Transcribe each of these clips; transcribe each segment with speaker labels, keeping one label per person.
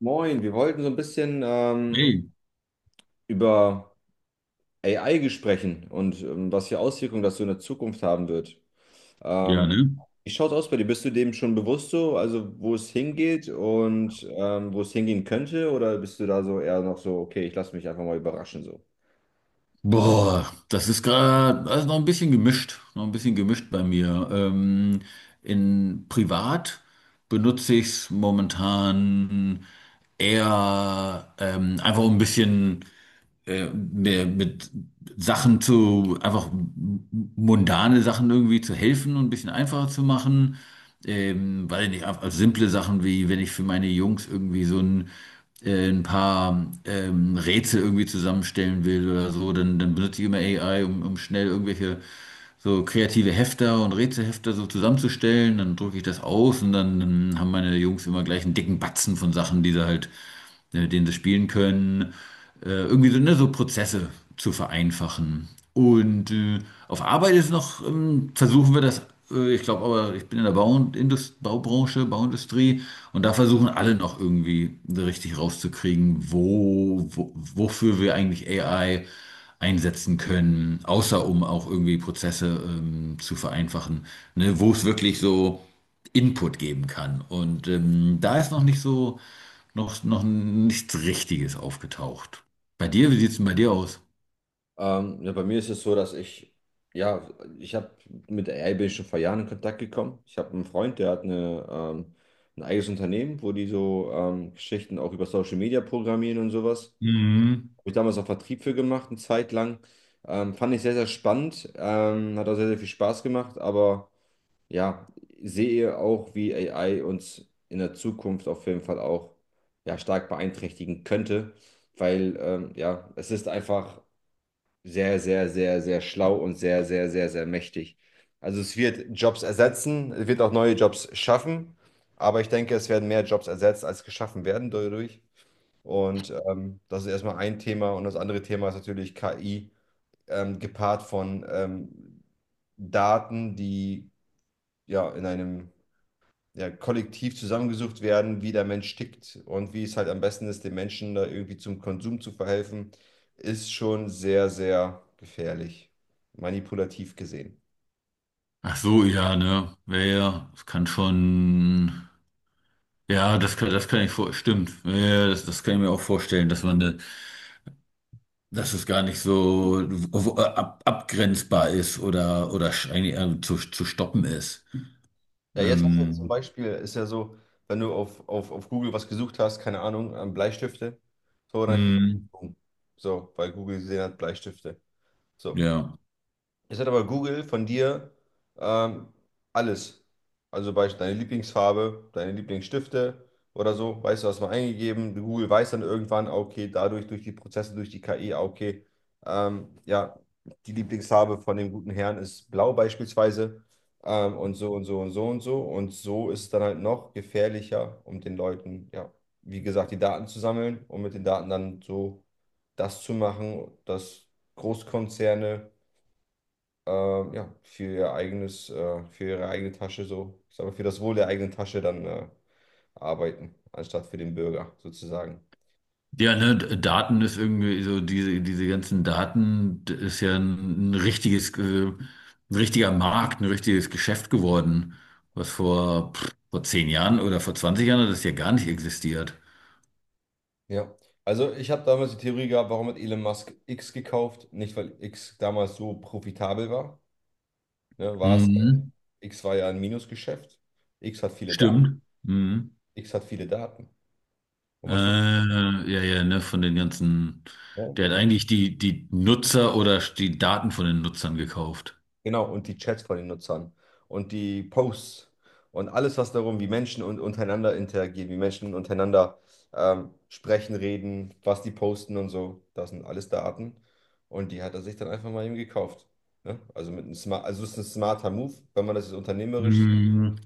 Speaker 1: Moin, wir wollten so ein bisschen
Speaker 2: Hey,
Speaker 1: über AI sprechen und was für Auswirkungen das so in der Zukunft haben wird.
Speaker 2: ja,
Speaker 1: Ähm,
Speaker 2: ne?
Speaker 1: Wie schaut's aus bei dir? Bist du dem schon bewusst so, also wo es hingeht und wo es hingehen könnte? Oder bist du da so eher noch so, okay, ich lasse mich einfach mal überraschen so?
Speaker 2: Boah, das ist gerade also noch ein bisschen gemischt, noch ein bisschen gemischt bei mir. In privat benutze ich es momentan eher einfach um ein bisschen mir mit Sachen zu, einfach mundane Sachen irgendwie zu helfen und ein bisschen einfacher zu machen. Weil nicht, also simple Sachen wie, wenn ich für meine Jungs irgendwie so ein paar Rätsel irgendwie zusammenstellen will oder so, dann benutze ich immer AI, um schnell irgendwelche so kreative Hefter und Rätselhefter so zusammenzustellen. Dann drucke ich das aus und dann haben meine Jungs immer gleich einen dicken Batzen von Sachen, die sie halt, mit denen sie spielen können. Irgendwie so, ne, so Prozesse zu vereinfachen. Und auf Arbeit ist noch, versuchen wir das, ich glaube aber, ich bin in der Baubranche, Bauindustrie und da versuchen alle noch irgendwie richtig rauszukriegen, wofür wir eigentlich AI einsetzen können, außer um auch irgendwie Prozesse zu vereinfachen, ne, wo es wirklich so Input geben kann. Und da ist noch nicht so, noch nichts Richtiges aufgetaucht. Bei dir, wie sieht es denn bei dir aus?
Speaker 1: Ja, bei mir ist es so, dass ja, ich habe mit AI bin ich schon vor Jahren in Kontakt gekommen. Ich habe einen Freund, der hat ein eigenes Unternehmen, wo die so Geschichten auch über Social Media programmieren und sowas.
Speaker 2: Mhm.
Speaker 1: Habe ich damals auch Vertrieb für gemacht, eine Zeit lang. Fand ich sehr, sehr spannend. Hat auch sehr, sehr viel Spaß gemacht. Aber ja, sehe auch, wie AI uns in der Zukunft auf jeden Fall auch ja, stark beeinträchtigen könnte. Weil ja, es ist einfach sehr, sehr, sehr, sehr schlau und sehr, sehr, sehr, sehr mächtig. Also es wird Jobs ersetzen, es wird auch neue Jobs schaffen. Aber ich denke, es werden mehr Jobs ersetzt, als geschaffen werden dadurch. Und das ist erstmal ein Thema. Und das andere Thema ist natürlich KI, gepaart von Daten, die ja in einem ja, Kollektiv zusammengesucht werden, wie der Mensch tickt und wie es halt am besten ist, den Menschen da irgendwie zum Konsum zu verhelfen, ist schon sehr, sehr gefährlich, manipulativ gesehen.
Speaker 2: Ach so, ja, ne? Ja, ja, das kann schon. Ja, das kann ich vor. Stimmt. Ja, ja, das kann ich mir auch vorstellen, dass man, ne, dass es gar nicht so abgrenzbar ist oder eigentlich, zu stoppen ist.
Speaker 1: Ja, jetzt hast du zum
Speaker 2: Ähm,
Speaker 1: Beispiel, ist ja so, wenn du auf Google was gesucht hast, keine Ahnung, Bleistifte, so, dann kriegst
Speaker 2: mh,
Speaker 1: du, so, weil Google gesehen hat, Bleistifte. So.
Speaker 2: ja.
Speaker 1: Jetzt hat aber Google von dir ähm, alles. Also beispielsweise deine Lieblingsfarbe, deine Lieblingsstifte oder so. Weißt du, hast mal eingegeben. Google weiß dann irgendwann, ah, okay, dadurch, durch die Prozesse, durch die KI, okay, ja, die Lieblingsfarbe von dem guten Herrn ist blau beispielsweise. Und so und so und so und so. Und so ist es dann halt noch gefährlicher, um den Leuten, ja, wie gesagt, die Daten zu sammeln und mit den Daten dann so das zu machen, dass Großkonzerne ja, für ihr eigenes, für ihre eigene Tasche so, ich sag mal, für das Wohl der eigenen Tasche dann arbeiten, anstatt für den Bürger sozusagen.
Speaker 2: Ja, ne, Daten ist irgendwie so, diese ganzen Daten ist ja ein richtiges, ein richtiger Markt, ein richtiges Geschäft geworden, was vor, pff, vor 10 Jahren oder vor 20 Jahren hat das ja gar nicht existiert.
Speaker 1: Ja, also ich habe damals die Theorie gehabt, warum hat Elon Musk X gekauft? Nicht, weil X damals so profitabel war, ne, war es,
Speaker 2: Mhm.
Speaker 1: X war ja ein Minusgeschäft, X hat viele Daten,
Speaker 2: Stimmt. Mhm.
Speaker 1: X hat viele Daten. Und was macht
Speaker 2: Ja, ne, von den ganzen, der hat
Speaker 1: er?
Speaker 2: eigentlich die Nutzer oder die Daten von den Nutzern gekauft.
Speaker 1: Genau, und die Chats von den Nutzern und die Posts und alles, was darum, wie Menschen und untereinander interagieren, wie Menschen untereinander sprechen, reden, was die posten und so. Das sind alles Daten. Und die hat er sich dann einfach mal eben gekauft. Ne? Also es ist ein smarter Move, wenn man das jetzt unternehmerisch.
Speaker 2: Mhm.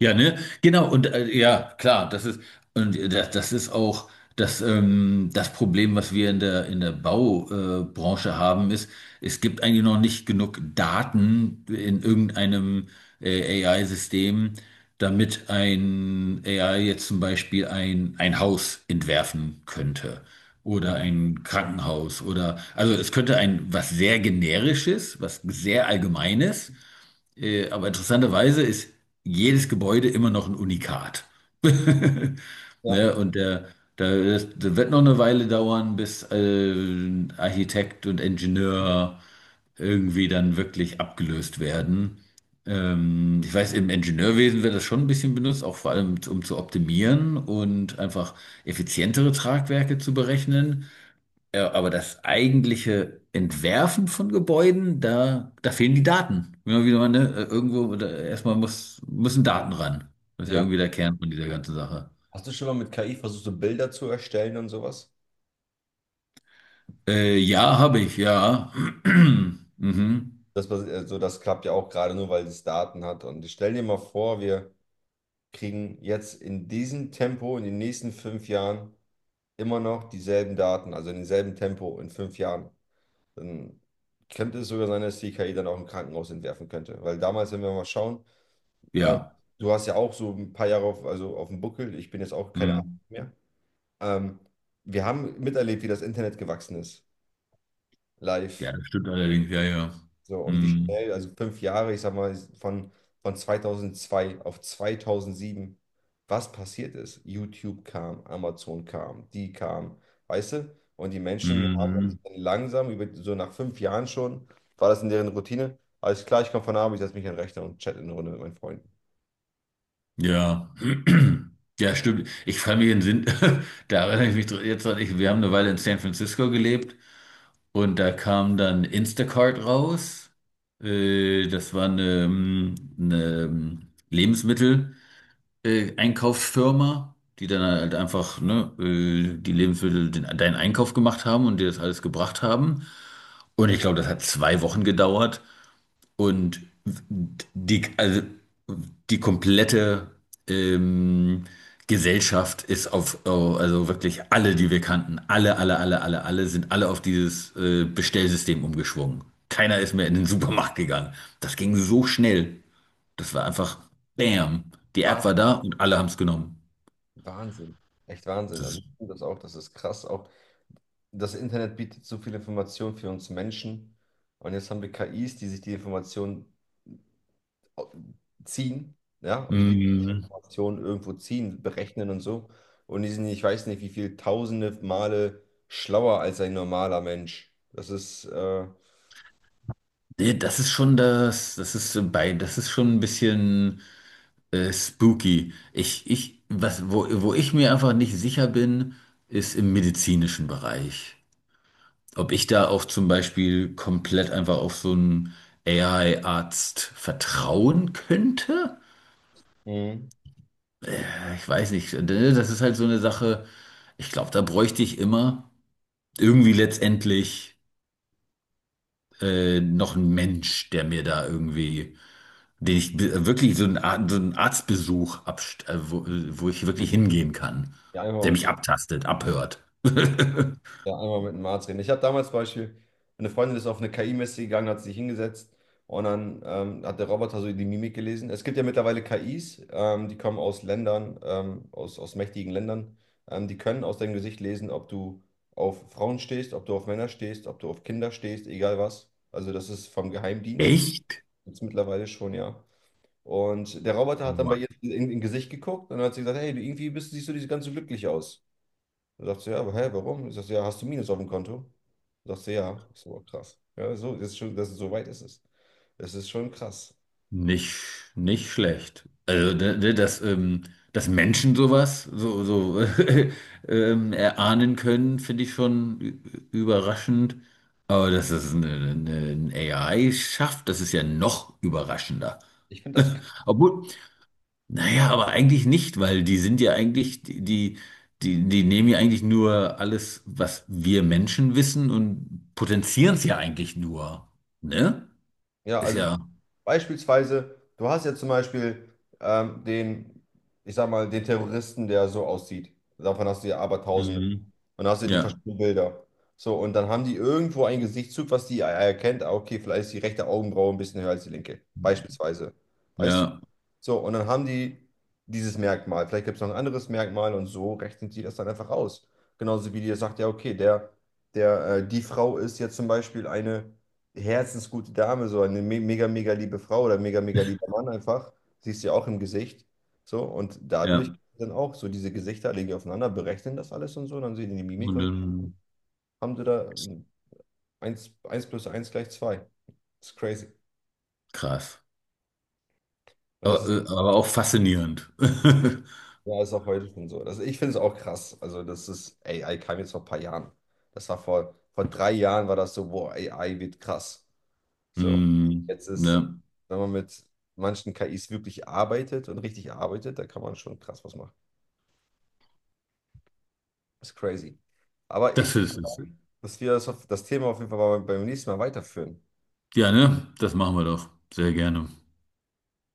Speaker 2: Ja, ne? Genau, und ja, klar, und das ist auch das, das Problem, was wir in der Baubranche Branche haben, ist, es gibt eigentlich noch nicht genug Daten in irgendeinem AI-System, damit ein AI jetzt zum Beispiel ein Haus entwerfen könnte oder
Speaker 1: Mhm.
Speaker 2: ein Krankenhaus oder, also es könnte ein was sehr generisches, was sehr allgemeines aber interessanterweise ist jedes Gebäude immer noch ein Unikat.
Speaker 1: Ja,
Speaker 2: Ne? Das wird noch eine Weile dauern, bis ein Architekt und Ingenieur irgendwie dann wirklich abgelöst werden. Ich weiß, im Ingenieurwesen wird das schon ein bisschen benutzt, auch vor allem um zu optimieren und einfach effizientere Tragwerke zu berechnen. Ja, aber das eigentliche Entwerfen von Gebäuden, da fehlen die Daten. Immer wieder mal, ne? Irgendwo, da, erstmal müssen Daten ran. Das ist ja
Speaker 1: ja.
Speaker 2: irgendwie der Kern von dieser ganzen Sache.
Speaker 1: Hast du schon mal mit KI versucht, so Bilder zu erstellen und sowas?
Speaker 2: Ja, habe ich, ja. Mhm.
Speaker 1: Das, also das klappt ja auch gerade nur, weil es Daten hat. Und ich stell dir mal vor, wir kriegen jetzt in diesem Tempo in den nächsten fünf Jahren immer noch dieselben Daten, also in demselben Tempo in fünf Jahren, dann könnte es sogar sein, dass die KI dann auch ein Krankenhaus entwerfen könnte. Weil damals, wenn wir mal schauen, ähm,
Speaker 2: Ja.
Speaker 1: du hast ja auch so ein paar Jahre auf, also auf dem Buckel, ich bin jetzt auch keine Ahnung
Speaker 2: Mhm.
Speaker 1: mehr. Ähm, Wir haben miterlebt, wie das Internet gewachsen ist,
Speaker 2: Ja,
Speaker 1: live.
Speaker 2: das stimmt allerdings, ja, ja.
Speaker 1: So, und wie
Speaker 2: Mhm.
Speaker 1: schnell, also fünf Jahre, ich sag mal, von 2002 auf 2007, was passiert ist. YouTube kam, Amazon kam, die kam, weißt du? Und die Menschen haben sich
Speaker 2: Mhm.
Speaker 1: dann langsam, über, so nach fünf Jahren schon, war das in deren Routine. Alles klar, ich komme von Abend, ich setze mich an den Rechner und chatte eine Runde mit meinen Freunden.
Speaker 2: Ja. Ja, stimmt. Ich kann mich in Sinn, da erinnere ich jetzt dran, ich, wir haben eine Weile in San Francisco gelebt. Und da kam dann Instacart raus. Das war eine Lebensmittel, Einkaufsfirma, die dann halt einfach, ne, die Lebensmittel, deinen Einkauf gemacht haben und dir das alles gebracht haben. Und ich glaube, das hat 2 Wochen gedauert. Und die, also die komplette ähm, Gesellschaft ist auf, oh, also wirklich alle, die wir kannten, alle sind alle auf dieses Bestellsystem umgeschwungen. Keiner ist mehr in den Supermarkt gegangen. Das ging so schnell. Das war einfach Bam. Die App
Speaker 1: Wah-
Speaker 2: war da und alle haben es genommen.
Speaker 1: Wahnsinn, echt Wahnsinn.
Speaker 2: Das,
Speaker 1: Also
Speaker 2: ist-
Speaker 1: ich finde das auch, das ist krass. Auch das Internet bietet so viel Information für uns Menschen. Und jetzt haben wir KIs, die sich die Informationen ziehen, ja, und die
Speaker 2: mm,
Speaker 1: Informationen irgendwo ziehen, berechnen und so. Und die sind, ich weiß nicht, wie viel tausende Male schlauer als ein normaler Mensch. Das ist,
Speaker 2: das ist schon das, das ist so bei, das ist schon ein bisschen. Spooky. Wo ich mir einfach nicht sicher bin, ist im medizinischen Bereich. Ob ich da auch zum Beispiel komplett einfach auf so einen AI-Arzt vertrauen könnte?
Speaker 1: mhm.
Speaker 2: Ich weiß nicht. Das ist halt so eine Sache. Ich glaube, da bräuchte ich immer irgendwie letztendlich. Noch ein Mensch, der mir da irgendwie, den ich wirklich so einen, so einen wo ich wirklich hingehen kann,
Speaker 1: Ja, einfach
Speaker 2: der
Speaker 1: mal
Speaker 2: mich
Speaker 1: so
Speaker 2: abtastet, abhört.
Speaker 1: ja, einmal mit einem Arzt reden. Ich hatte damals zum Beispiel, eine Freundin ist auf eine KI-Messe gegangen, hat sich hingesetzt und dann hat der Roboter so die Mimik gelesen. Es gibt ja mittlerweile KIs, die kommen aus Ländern, aus, aus mächtigen Ländern. Die können aus deinem Gesicht lesen, ob du auf Frauen stehst, ob du auf Männer stehst, ob du auf Kinder stehst, egal was. Also das ist vom Geheimdienst,
Speaker 2: Echt?
Speaker 1: jetzt mittlerweile schon, ja. Und der Roboter hat dann bei
Speaker 2: Wow.
Speaker 1: ihr in Gesicht geguckt und dann hat sie gesagt, hey, du irgendwie bist, siehst du nicht so ganz so glücklich aus. Dann sagt sie, ja, aber hä, warum? Ich sag, ja, hast du Minus auf dem Konto? Sagt sie, ja. Ich so aber krass. Ja, so, das ist schon, das, so weit ist es. Das ist schon krass.
Speaker 2: Nicht, nicht schlecht. Also, ne, ne, dass, dass Menschen sowas so, so erahnen können, finde ich schon überraschend. Aber dass es ein AI schafft, das ist ja noch überraschender.
Speaker 1: Ich finde das krass.
Speaker 2: Obwohl, naja, aber eigentlich nicht, weil die sind ja eigentlich, die nehmen ja eigentlich nur alles, was wir Menschen wissen und potenzieren es ja eigentlich nur. Ne?
Speaker 1: Ja,
Speaker 2: Ist
Speaker 1: also
Speaker 2: ja.
Speaker 1: beispielsweise, du hast ja zum Beispiel den, ich sag mal, den Terroristen, der so aussieht. Davon hast du ja aber Tausende.
Speaker 2: Mhm.
Speaker 1: Und dann hast du ja die
Speaker 2: Ja.
Speaker 1: verschiedenen Bilder. So, und dann haben die irgendwo einen Gesichtszug, was die erkennt. Ah, okay, vielleicht ist die rechte Augenbraue ein bisschen höher als die linke. Beispielsweise. Weißt du?
Speaker 2: Ja.
Speaker 1: So, und dann haben die dieses Merkmal. Vielleicht gibt es noch ein anderes Merkmal und so rechnen die das dann einfach aus. Genauso wie die sagt, ja, okay, die Frau ist jetzt zum Beispiel eine herzensgute Dame, so eine me mega, mega liebe Frau oder mega, mega lieber Mann einfach. Siehst du ja auch im Gesicht. So, und dadurch
Speaker 2: Ja.
Speaker 1: dann auch so diese Gesichter legen die aufeinander, berechnen das alles und so, dann sehen die die Mimik
Speaker 2: Und
Speaker 1: und haben sie da eins plus eins gleich zwei. Das ist crazy.
Speaker 2: krass.
Speaker 1: Und das ist
Speaker 2: Aber auch faszinierend.
Speaker 1: ja, ist auch heute schon so. Das, ich finde es auch krass. Also, das ist, AI kam jetzt vor ein paar Jahren. Das war vor drei Jahren war das so, boah, AI wird krass. So.
Speaker 2: Mhm.
Speaker 1: Jetzt ist,
Speaker 2: Ne?
Speaker 1: wenn man mit manchen KIs wirklich arbeitet und richtig arbeitet, da kann man schon krass was machen. Ist crazy. Aber
Speaker 2: Das
Speaker 1: ich
Speaker 2: ist
Speaker 1: würde
Speaker 2: es.
Speaker 1: sagen, dass wir das, auf, das Thema auf jeden Fall mal beim nächsten Mal weiterführen.
Speaker 2: Ja, ne? Das machen wir doch. Sehr gerne.